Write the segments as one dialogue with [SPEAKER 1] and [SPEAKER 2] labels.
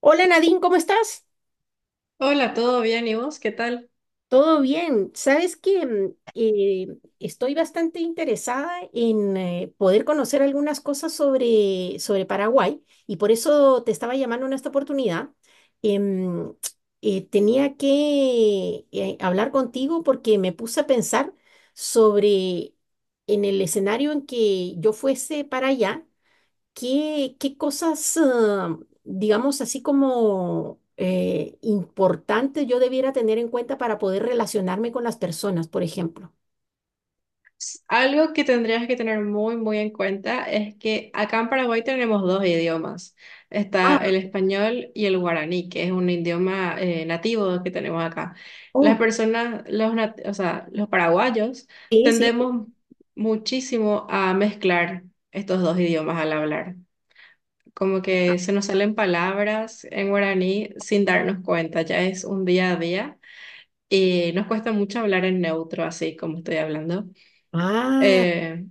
[SPEAKER 1] Hola Nadine, ¿cómo estás?
[SPEAKER 2] Hola, ¿todo bien? ¿Y vos? ¿Qué tal?
[SPEAKER 1] Todo bien. Sabes que estoy bastante interesada en poder conocer algunas cosas sobre Paraguay y por eso te estaba llamando en esta oportunidad. Em, tenía que hablar contigo porque me puse a pensar sobre en el escenario en que yo fuese para allá. ¿Qué cosas, digamos, así como importantes yo debiera tener en cuenta para poder relacionarme con las personas, por ejemplo?
[SPEAKER 2] Algo que tendrías que tener muy en cuenta es que acá en Paraguay tenemos dos idiomas.
[SPEAKER 1] Ah.
[SPEAKER 2] Está el español y el guaraní, que es un idioma nativo que tenemos acá. Las
[SPEAKER 1] Oh.
[SPEAKER 2] personas, o sea, los paraguayos
[SPEAKER 1] Sí, sí.
[SPEAKER 2] tendemos muchísimo a mezclar estos dos idiomas al hablar. Como que se nos salen palabras en guaraní sin darnos cuenta, ya es un día a día y nos cuesta mucho hablar en neutro, así como estoy hablando.
[SPEAKER 1] Ah,
[SPEAKER 2] Eh,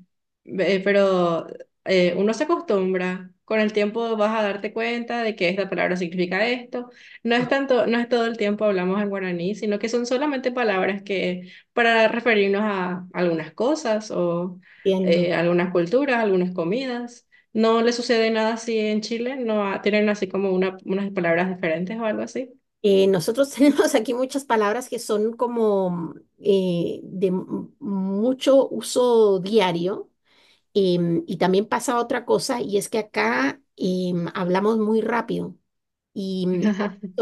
[SPEAKER 2] eh, pero Uno se acostumbra. Con el tiempo vas a darte cuenta de que esta palabra significa esto. No es todo el tiempo hablamos en guaraní, sino que son solamente palabras que para referirnos a algunas cosas o
[SPEAKER 1] entiendo.
[SPEAKER 2] algunas culturas, algunas comidas. No le sucede nada así en Chile, no ha- tienen así como unas palabras diferentes o algo así.
[SPEAKER 1] Nosotros tenemos aquí muchas palabras que son como de mucho uso diario, y también pasa otra cosa, y es que acá hablamos muy rápido. Y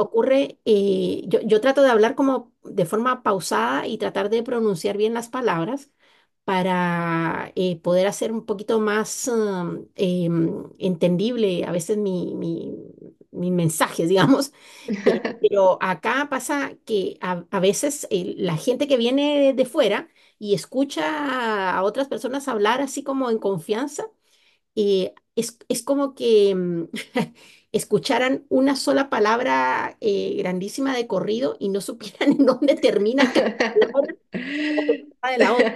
[SPEAKER 1] ocurre, yo trato de hablar como de forma pausada y tratar de pronunciar bien las palabras para poder hacer un poquito más entendible a veces mis mensajes, digamos. Pero acá pasa que a veces la gente que viene de fuera y escucha a otras personas hablar así como en confianza es como que escucharan una sola palabra grandísima de corrido y no supieran en dónde termina cada palabra de la otra.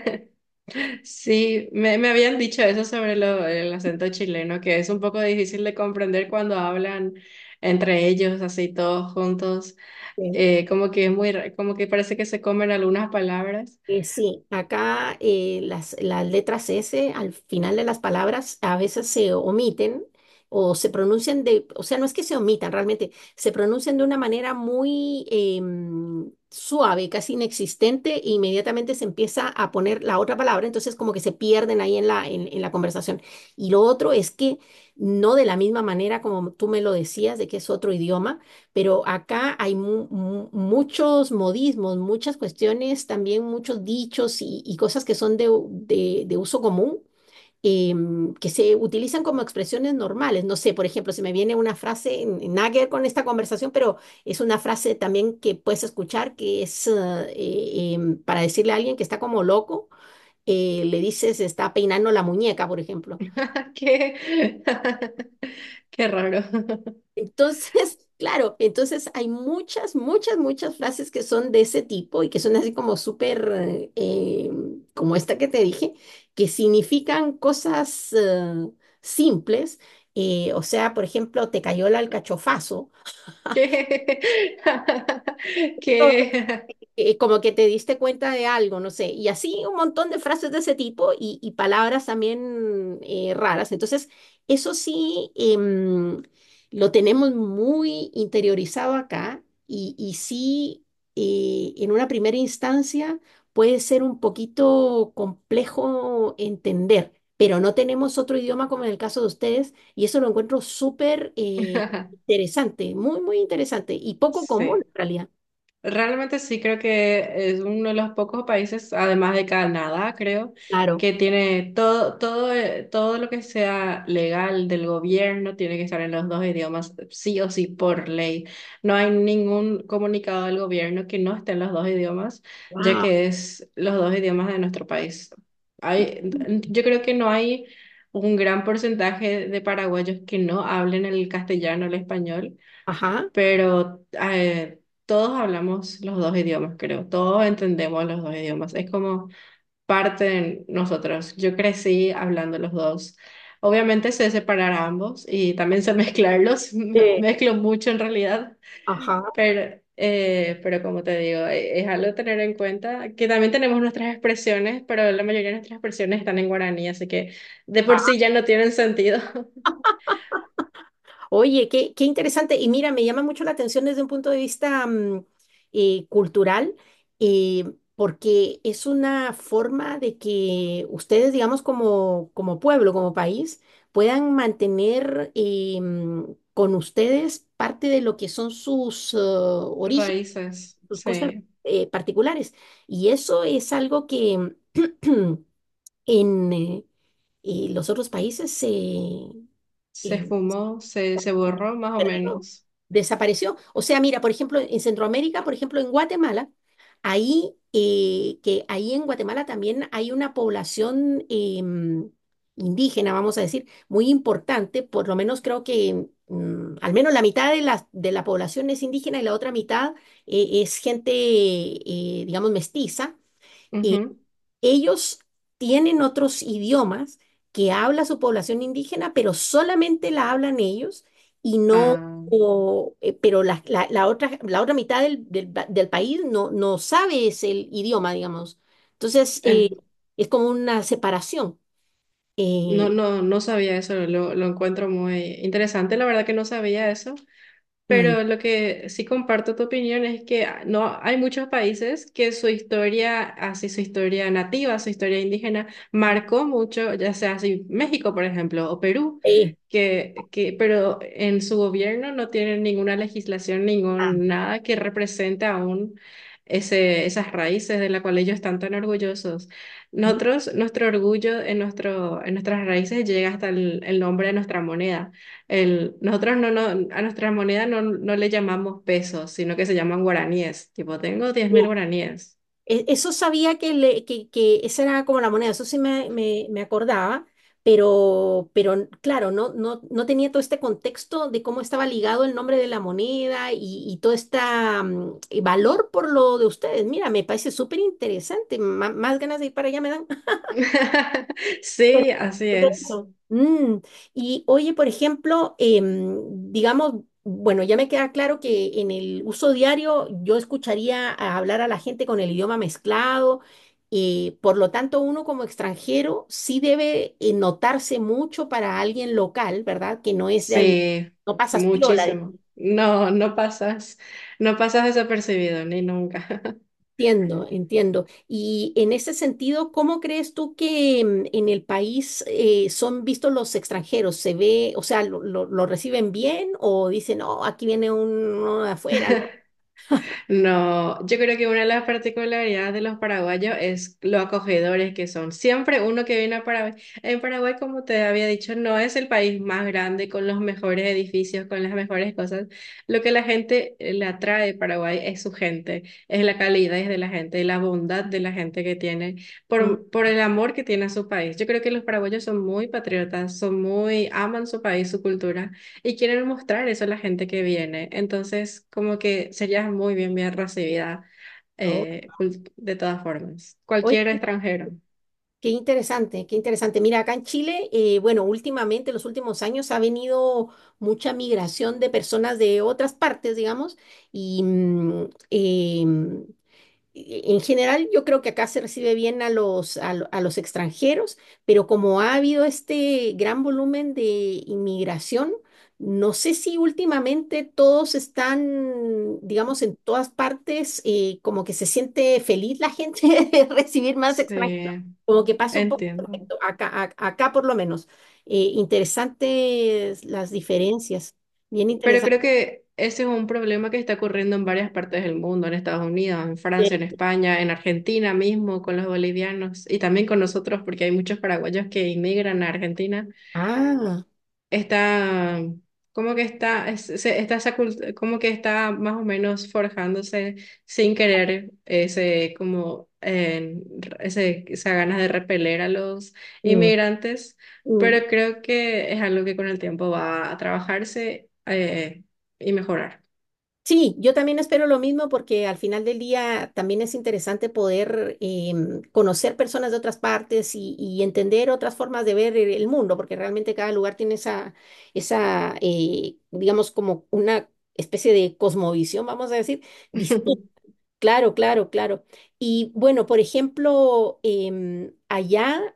[SPEAKER 2] Sí, me habían dicho eso sobre el acento chileno, que es un poco difícil de comprender cuando hablan entre ellos, así todos juntos,
[SPEAKER 1] ¿Sí?
[SPEAKER 2] como que es como que parece que se comen algunas palabras.
[SPEAKER 1] Sí, acá las letras S al final de las palabras a veces se omiten, o se pronuncian de, o sea, no es que se omitan realmente, se pronuncian de una manera muy suave, casi inexistente, e inmediatamente se empieza a poner la otra palabra, entonces como que se pierden ahí en la, en la conversación. Y lo otro es que no de la misma manera como tú me lo decías, de que es otro idioma, pero acá hay muchos modismos, muchas cuestiones, también muchos dichos y cosas que son de, de uso común, que se utilizan como expresiones normales. No sé, por ejemplo, se me viene una frase, nada que ver con esta conversación, pero es una frase también que puedes escuchar, que es para decirle a alguien que está como loco, le dices, está peinando la muñeca, por ejemplo.
[SPEAKER 2] Qué, qué raro.
[SPEAKER 1] Entonces, claro, entonces hay muchas frases que son de ese tipo y que son así como súper, como esta que te dije, que significan cosas simples. O sea, por ejemplo, te cayó el alcachofazo.
[SPEAKER 2] Qué, qué,
[SPEAKER 1] Como que te diste cuenta de algo, no sé, y así un montón de frases de ese tipo y palabras también raras. Entonces, eso sí, lo tenemos muy interiorizado acá, y sí, en una primera instancia puede ser un poquito complejo entender. Pero no tenemos otro idioma como en el caso de ustedes, y eso lo encuentro súper interesante, muy, muy interesante y poco común
[SPEAKER 2] sí.
[SPEAKER 1] en realidad.
[SPEAKER 2] Realmente sí creo que es uno de los pocos países, además de Canadá, creo,
[SPEAKER 1] Claro.
[SPEAKER 2] que tiene todo lo que sea legal del gobierno tiene que estar en los dos idiomas, sí o sí, por ley. No hay ningún comunicado del gobierno que no esté en los dos idiomas, ya
[SPEAKER 1] Wow.
[SPEAKER 2] que es los dos idiomas de nuestro país. Hay, yo creo que no hay un gran porcentaje de paraguayos que no hablen el castellano o el español,
[SPEAKER 1] Ajá.
[SPEAKER 2] pero todos hablamos los dos idiomas, creo, todos entendemos los dos idiomas, es como parte de nosotros. Yo crecí hablando los dos. Obviamente sé separar ambos y también sé mezclarlos,
[SPEAKER 1] Eh,
[SPEAKER 2] mezclo mucho en realidad,
[SPEAKER 1] Ajá.
[SPEAKER 2] pero como te digo, es algo a tener en cuenta, que también tenemos nuestras expresiones, pero la mayoría de nuestras expresiones están en guaraní, así que de por
[SPEAKER 1] Ah.
[SPEAKER 2] sí ya no tienen sentido.
[SPEAKER 1] Oye, qué, qué interesante. Y mira, me llama mucho la atención desde un punto de vista cultural, eh, porque es una forma de que ustedes, digamos, como, como pueblo, como país, puedan mantener con ustedes parte de lo que son sus orígenes,
[SPEAKER 2] Raíces,
[SPEAKER 1] sus cosas
[SPEAKER 2] sí.
[SPEAKER 1] particulares. Y eso es algo que en los otros países se
[SPEAKER 2] Se esfumó, se borró más o
[SPEAKER 1] perdió,
[SPEAKER 2] menos.
[SPEAKER 1] desapareció. O sea, mira, por ejemplo, en Centroamérica, por ejemplo, en Guatemala, ahí, que ahí en Guatemala también hay una población indígena, vamos a decir, muy importante, por lo menos creo que al menos la mitad de la población es indígena y la otra mitad es gente, digamos, mestiza.
[SPEAKER 2] Ujú.
[SPEAKER 1] Ellos tienen otros idiomas que habla su población indígena, pero solamente la hablan ellos y no,
[SPEAKER 2] Ah,
[SPEAKER 1] o, pero la, la otra mitad del, del país no, no sabe ese idioma, digamos. Entonces,
[SPEAKER 2] en-
[SPEAKER 1] es como una separación. Eh,
[SPEAKER 2] no sabía eso, lo encuentro muy interesante. La verdad que no sabía eso.
[SPEAKER 1] mm.
[SPEAKER 2] Pero lo que sí comparto tu opinión es que ah, no hay muchos países que su historia, así su historia nativa, su historia indígena, marcó mucho, ya sea así México, por ejemplo, o Perú,
[SPEAKER 1] eh,
[SPEAKER 2] pero en su gobierno no tienen ninguna legislación,
[SPEAKER 1] ah.
[SPEAKER 2] ningún nada que represente aún esas raíces de las cuales ellos están tan orgullosos.
[SPEAKER 1] Ujú.
[SPEAKER 2] Nuestro orgullo, en nuestras raíces, llega hasta el nombre de nuestra moneda. El, nosotros no, no, A nuestra moneda no le llamamos pesos, sino que se llaman guaraníes. Tipo, tengo 10.000
[SPEAKER 1] Sí.
[SPEAKER 2] guaraníes.
[SPEAKER 1] E- Eso sabía, que esa era como la moneda, eso sí me, me acordaba, pero claro, no, no, no tenía todo este contexto de cómo estaba ligado el nombre de la moneda y todo este valor por lo de ustedes. Mira, me parece súper interesante, más ganas de ir para allá me dan. Pues,
[SPEAKER 2] Sí, así
[SPEAKER 1] súper
[SPEAKER 2] es.
[SPEAKER 1] eso. Mm, y oye, por ejemplo, digamos, bueno, ya me queda claro que en el uso diario yo escucharía a hablar a la gente con el idioma mezclado, por lo tanto uno como extranjero sí debe notarse mucho para alguien local, ¿verdad? Que no es de ahí,
[SPEAKER 2] Sí,
[SPEAKER 1] no pasas piola.
[SPEAKER 2] muchísimo. No pasas desapercibido, ni nunca.
[SPEAKER 1] Entiendo, entiendo. Y en ese sentido, ¿cómo crees tú que en el país son vistos los extranjeros? ¿Se ve, o sea, lo reciben bien o dicen, no, aquí viene uno de afuera, ¿no?
[SPEAKER 2] No, yo creo que una de las particularidades de los paraguayos es lo acogedores que son. Siempre uno que viene a Paraguay, En Paraguay, como te había dicho, no es el país más grande con los mejores edificios, con las mejores cosas. Lo que la gente le atrae a Paraguay es su gente, es la calidez de la gente, la bondad de la gente que tiene,
[SPEAKER 1] Mm,
[SPEAKER 2] por el amor que tiene a su país. Yo creo que los paraguayos son muy patriotas, aman su país, su cultura. Y quieren mostrar eso a la gente que viene. Entonces, como que serías bien recibida
[SPEAKER 1] no.
[SPEAKER 2] de todas formas.
[SPEAKER 1] Oye,
[SPEAKER 2] Cualquier extranjero.
[SPEAKER 1] qué interesante, qué interesante. Mira, acá en Chile, bueno, últimamente, en los últimos años, ha venido mucha migración de personas de otras partes, digamos, y em, en general, yo creo que acá se recibe bien a los, a, a los extranjeros, pero como ha habido este gran volumen de inmigración, no sé si últimamente todos están, digamos, en todas partes, como que se siente feliz la gente de recibir más extranjeros,
[SPEAKER 2] Sí,
[SPEAKER 1] como que pasa un poco
[SPEAKER 2] entiendo.
[SPEAKER 1] perfecto, acá, acá por lo menos. Interesantes las diferencias, bien
[SPEAKER 2] Pero
[SPEAKER 1] interesante.
[SPEAKER 2] creo que ese es un problema que está ocurriendo en varias partes del mundo, en Estados Unidos, en Francia, en España, en Argentina mismo, con los bolivianos y también con nosotros, porque hay muchos paraguayos que inmigran a Argentina.
[SPEAKER 1] Ah,
[SPEAKER 2] está, Está esa como que está más o menos forjándose sin querer esa ganas de repeler a los
[SPEAKER 1] mm.
[SPEAKER 2] inmigrantes,
[SPEAKER 1] Mm.
[SPEAKER 2] pero creo que es algo que con el tiempo va a trabajarse y mejorar.
[SPEAKER 1] Sí, yo también espero lo mismo, porque al final del día también es interesante poder conocer personas de otras partes y entender otras formas de ver el mundo, porque realmente cada lugar tiene esa, esa digamos, como una especie de cosmovisión, vamos a decir, distinta. Claro, claro, claro. Y bueno, por ejemplo, allá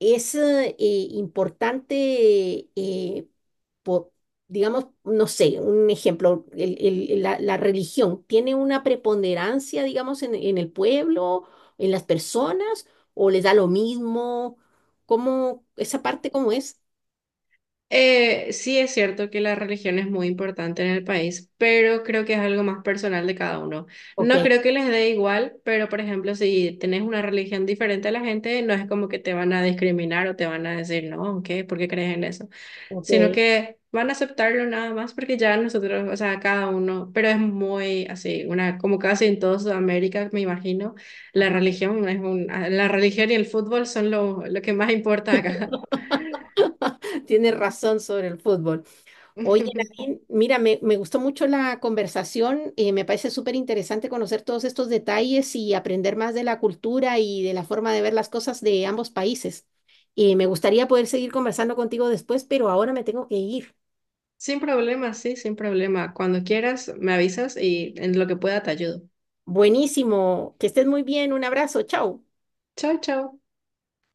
[SPEAKER 1] es importante, po- digamos, no sé, un ejemplo, la religión tiene una preponderancia, digamos, en el pueblo, en las personas, o les da lo mismo, ¿cómo, esa parte cómo es?
[SPEAKER 2] Sí es cierto que la religión es muy importante en el país, pero creo que es algo más personal de cada uno.
[SPEAKER 1] Ok,
[SPEAKER 2] No creo que les dé igual, pero por ejemplo, si tenés una religión diferente a la gente, no es como que te van a discriminar o te van a decir, no, ¿qué? ¿Por qué crees en eso? Sino
[SPEAKER 1] ok.
[SPEAKER 2] que van a aceptarlo nada más porque ya nosotros, o sea, cada uno, pero es muy así, una, como casi en toda Sudamérica, me imagino, la religión y el fútbol son lo que más importa acá.
[SPEAKER 1] Tienes razón sobre el fútbol. Oye, Nadine, mira, me gustó mucho la conversación, me parece súper interesante conocer todos estos detalles y aprender más de la cultura y de la forma de ver las cosas de ambos países. Me gustaría poder seguir conversando contigo después, pero ahora me tengo que ir.
[SPEAKER 2] Sin problema, sí, sin problema. Cuando quieras, me avisas y en lo que pueda te ayudo.
[SPEAKER 1] Buenísimo, que estés muy bien, un abrazo, chao.
[SPEAKER 2] Chao, chao.